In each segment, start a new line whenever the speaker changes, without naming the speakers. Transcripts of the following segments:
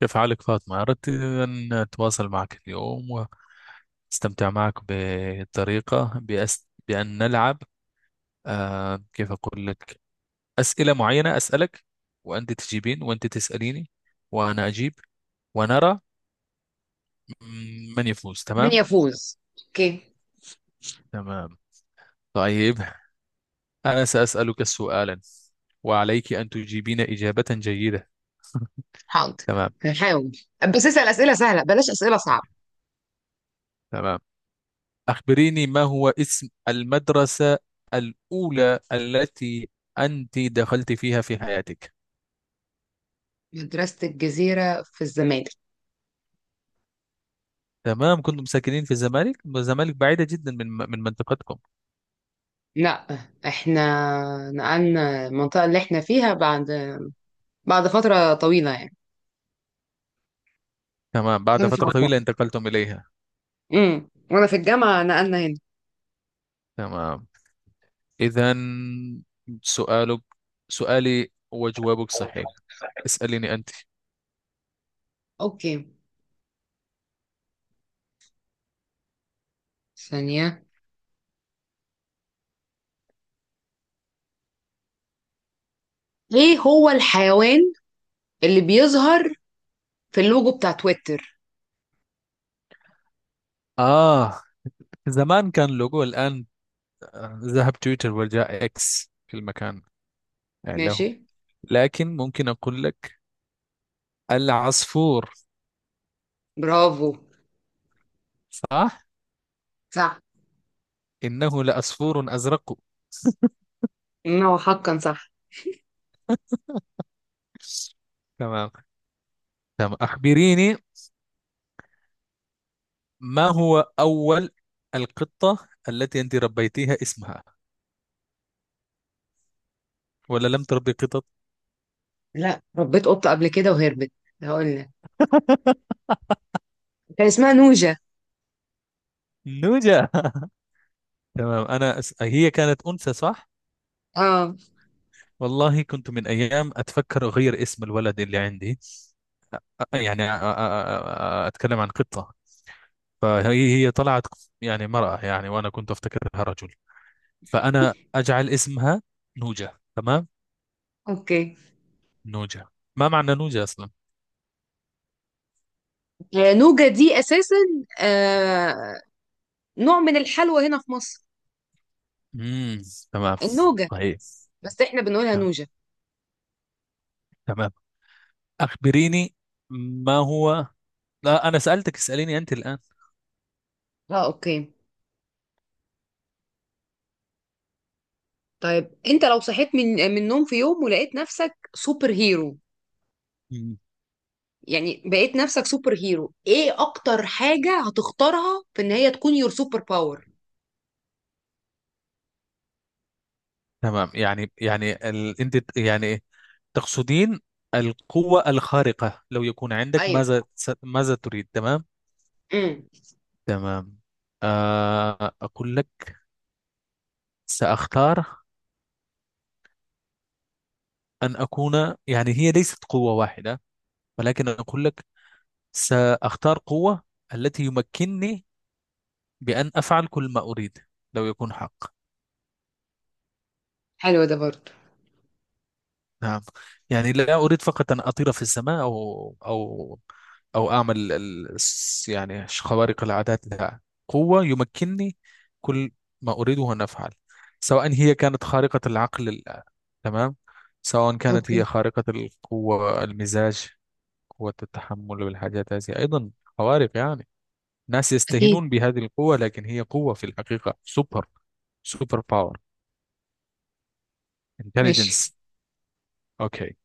كيف حالك فاطمة؟ أردت أن أتواصل معك اليوم وأستمتع معك بطريقة بأن نلعب، كيف أقول لك، أسئلة معينة أسألك وأنت تجيبين، وأنت تسأليني وأنا أجيب، ونرى من يفوز،
من
تمام؟
يفوز. اوكي.
تمام، طيب. أنا سأسألك سؤالا، وعليك أن تجيبين إجابة جيدة.
حاضر.
تمام،
هحاول، بس اسأل أسئلة سهلة بلاش أسئلة صعبة.
تمام. أخبريني، ما هو اسم المدرسة الأولى التي أنت دخلت فيها في حياتك؟
مدرسة الجزيرة في الزمالك.
تمام، كنتم ساكنين في الزمالك، الزمالك بعيدة جدا من منطقتكم؟
لا، احنا نقلنا المنطقة اللي احنا فيها بعد بعد فترة طويلة يعني.
تمام، بعد
وانا في
فترة
الجامعة،
طويلة انتقلتم إليها.
وانا في الجامعة نقلنا هنا.
تمام، إذا سؤالك، سؤالي وجوابك صحيح. اسأليني أنت.
اوكي، ثانية. ايه هو الحيوان اللي بيظهر في اللوجو بتاع تويتر؟
آه زمان كان لوجو الآن، آه، ذهب تويتر وجاء إكس في المكان
ماشي.
له. لكن ممكن أقول لك العصفور.
برافو.
صح،
صح.
إنه لعصفور أزرق.
إن هو حقا صح.
تمام، تمام. أخبريني، ما هو أول القطة التي أنت ربيتيها اسمها، ولا لم تربي قطط؟
لا، ربيت قطة قبل كده وهربت. هقول لك، كان اسمها نوجة.
نوجا، تمام. هي كانت أنثى، صح؟
اه،
والله كنت من أيام أتفكر أغير اسم الولد اللي عندي. أتكلم عن قطة، فهي طلعت يعني مرأة يعني، وأنا كنت أفتكرها رجل، فأنا أجعل اسمها نوجا، تمام.
اوكي.
نوجا، ما معنى نوجا أصلا؟
آه، نوجة دي اساسا، آه، نوع من الحلوى هنا في مصر.
امم تمام،
النوجة.
طيب.
بس احنا بنقولها
تمام،
نوجة.
تمام. أخبريني، ما هو... لا، أنا سألتك، اسأليني أنت الآن.
اه، اوكي. طيب، انت لو صحيت من النوم في يوم ولقيت نفسك سوبر هيرو،
مم.
يعني بقيت نفسك سوبر هيرو، ايه اكتر حاجة هتختارها في ان هي تكون يور سوبر باور؟
تمام، يعني يعني أنت يعني تقصدين القوة الخارقة، لو يكون عندك،
ايوه.
ماذا ماذا تريد، تمام.
امم.
تمام، آه أقول لك، سأختار أن أكون، يعني هي ليست قوة واحدة، ولكن أقول لك سأختار قوة التي يمكنني بأن أفعل كل ما أريد، لو يكون حق.
حلو ده برضه.
نعم، يعني لا أريد فقط أن أطير في السماء، أو أو أعمل يعني خوارق العادات، لا. قوة يمكنني كل ما أريده أن أفعل، سواء هي كانت خارقة العقل تمام، سواء كانت
اوكي.
هي خارقة القوة، المزاج، قوة التحمل والحاجات هذه أيضا، خوارق يعني. ناس
اكيد.
يستهينون بهذه القوة، لكن هي قوة في الحقيقة سوبر، سوبر باور
ماشي.
انتليجنس. اوكي،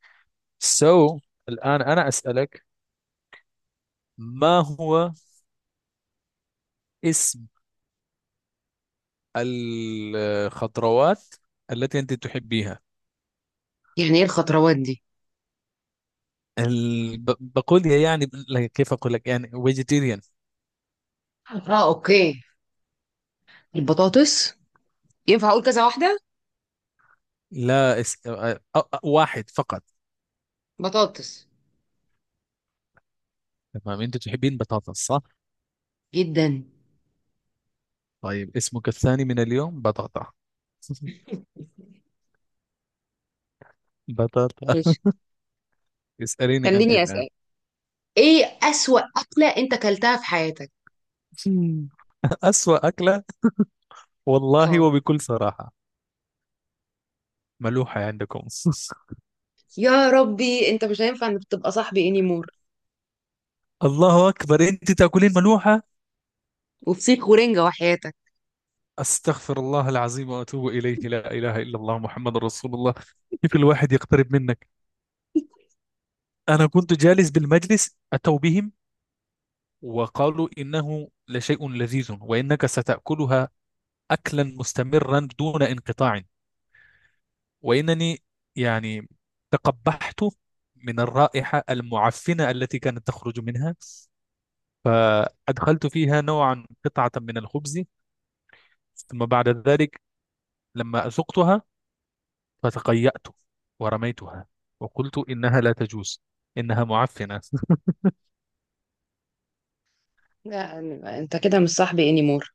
سو الآن أنا أسألك، ما هو اسم الخضروات التي أنت تحبيها؟
يعني ايه الخطروات دي؟
بقول يا يعني لا، كيف أقول لك، يعني فيجيتيريان.
اه، اوكي. البطاطس. ينفع اقول كذا واحدة؟
لا واحد فقط.
بطاطس.
تمام، أنت تحبين بطاطس، صح؟
جدا.
طيب، اسمك الثاني من اليوم بطاطا. بطاطا،
ماشي.
اسأليني أنت
خليني
الآن.
اسال، ايه اسوأ اكله انت اكلتها في حياتك؟
مم. أسوأ أكلة، والله
اه.
وبكل صراحة، ملوحة عندكم.
يا ربي، انت مش هينفع انك تبقى صاحبي انيمور.
الله أكبر، أنت تأكلين ملوحة؟
وفسيخ ورنجة وحياتك.
أستغفر الله العظيم وأتوب إليه، لا إله إلا الله محمد رسول الله. كيف الواحد يقترب منك؟ أنا كنت جالس بالمجلس، أتوا بهم وقالوا إنه لشيء لذيذ، وإنك ستأكلها أكلا مستمرا دون انقطاع، وإنني يعني تقبحت من الرائحة المعفنة التي كانت تخرج منها، فأدخلت فيها نوعا قطعة من الخبز، ثم بعد ذلك لما أذقتها فتقيأت ورميتها، وقلت إنها لا تجوز، إنها معفنة.
لا، انت كده مش صاحبي انيمور.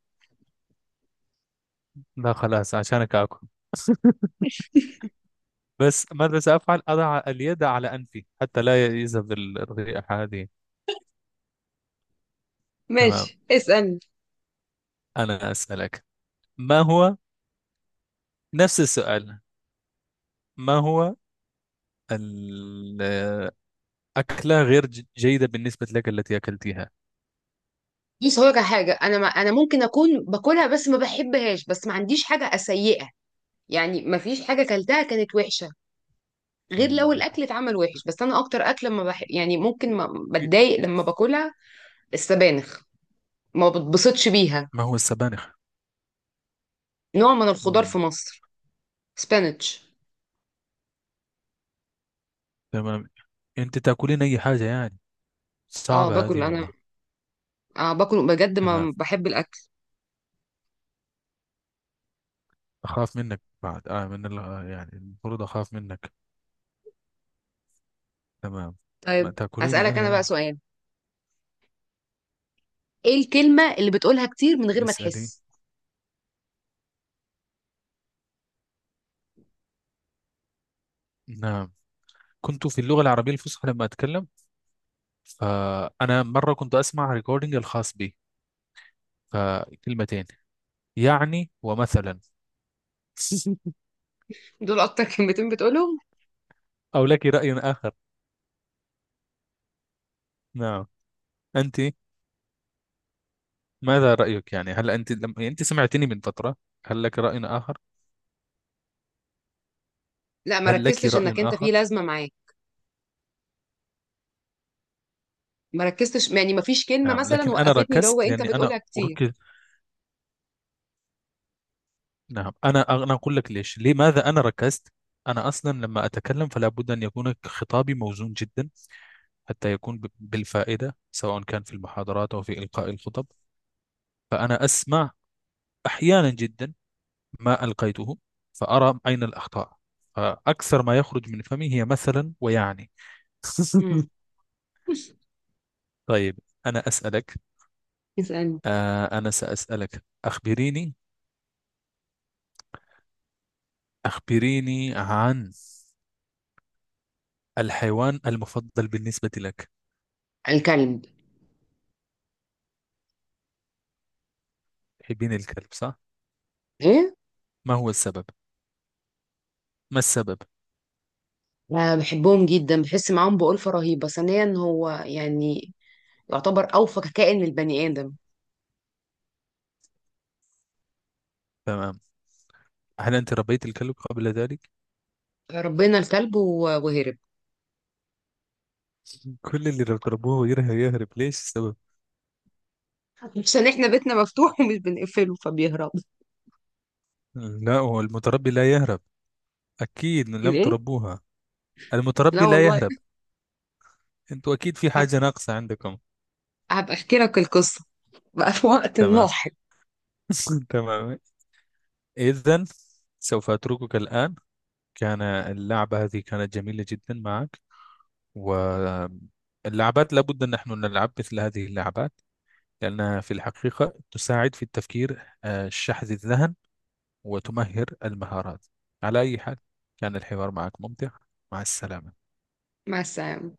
لا خلاص، عشانك آكل. بس ماذا سأفعل، أضع اليد على أنفي حتى لا يذهب الرائحة هذه. تمام،
ماشي، اسألني.
أنا أسألك، ما هو، نفس السؤال، ما هو الأكلة غير جيدة بالنسبة لك التي أكلتها؟
دي صورة حاجة أنا، ما أنا ممكن أكون باكلها بس ما بحبهاش، بس ما عنديش حاجة سيئة، يعني ما فيش حاجة كلتها كانت وحشة، غير
مم.
لو الأكل اتعمل وحش. بس أنا أكتر أكل لما بح... يعني ممكن ما بتضايق لما باكلها، السبانخ، ما بتبسطش بيها.
ما هو السبانخ؟
نوع من الخضار
مم.
في مصر. سبانيتش.
تمام، أنت تأكلين أي حاجة يعني،
اه
صعبة
باكل
هذه
انا،
والله.
اه باكل بجد،
تمام،
ما بحب الاكل.
أخاف منك بعد آه من آه، يعني المفروض أخاف منك. تمام، ما
طيب
تأكليني
هسألك
أنا
انا بقى
يعني.
سؤال، ايه الكلمة اللي بتقولها كتير من غير ما
اسألي.
تحس؟
نعم، كنت في اللغة العربية الفصحى لما أتكلم، فأنا مرة كنت أسمع ريكوردينج الخاص بي، فكلمتين يعني ومثلا.
دول اكتر كلمتين بتقولهم.
أو لك رأي آخر؟ نعم، أنت ماذا رأيك يعني، هل أنت لما أنت سمعتني من فترة، هل لك رأي آخر؟
لا ما
هل لك
ركزتش
رأي
انك انت في
آخر؟
لازمة معاك، ما ركزتش يعني، ما فيش كلمة
نعم،
مثلا
لكن أنا
وقفتني اللي هو
ركزت
انت
لأني أنا
بتقولها كتير.
أركز. نعم، أنا أقول لك ليش لماذا أنا ركزت. أنا أصلا لما أتكلم فلا بد أن يكون خطابي موزون جدا، حتى يكون بالفائدة، سواء كان في المحاضرات أو في إلقاء الخطب. فأنا أسمع أحيانا جدا ما ألقيته، فأرى أين الأخطاء، فأكثر ما يخرج من فمي هي مثلا ويعني.
امم.
طيب، أنا أسألك.
اسألني.
آه، أنا سأسألك، أخبريني، أخبريني عن الحيوان المفضل بالنسبة لك.
الكلب.
تحبين الكلب، صح؟
ايه.
ما هو السبب؟ ما السبب؟
لا بحبهم جدا، بحس معاهم بألفة رهيبة، ثانيا هو يعني يعتبر اوفى كائن للبني ادم.
تمام، هل انت ربيت الكلب قبل ذلك؟
ربنا الكلب وهرب.
كل اللي تربوه يرهب يهرب، ليش السبب؟
عشان احنا بيتنا مفتوح ومش بنقفله فبيهرب.
لا، هو المتربي لا يهرب، اكيد لم
ليه؟
تربوها.
لا
المتربي لا
والله.
يهرب، انتوا اكيد في
هب...
حاجة ناقصة عندكم.
هبقى احكي لك القصة بقى في وقت
تمام.
لاحق.
تمام، اذا سوف اتركك الان. كان اللعبة هذه كانت جميلة جدا معك، واللعبات لابد ان نحن نلعب مثل هذه اللعبات، لانها في الحقيقة تساعد في التفكير، آه، شحذ الذهن وتمهر المهارات. على أي حال، كان الحوار معك ممتع. مع السلامة.
مع السلامة.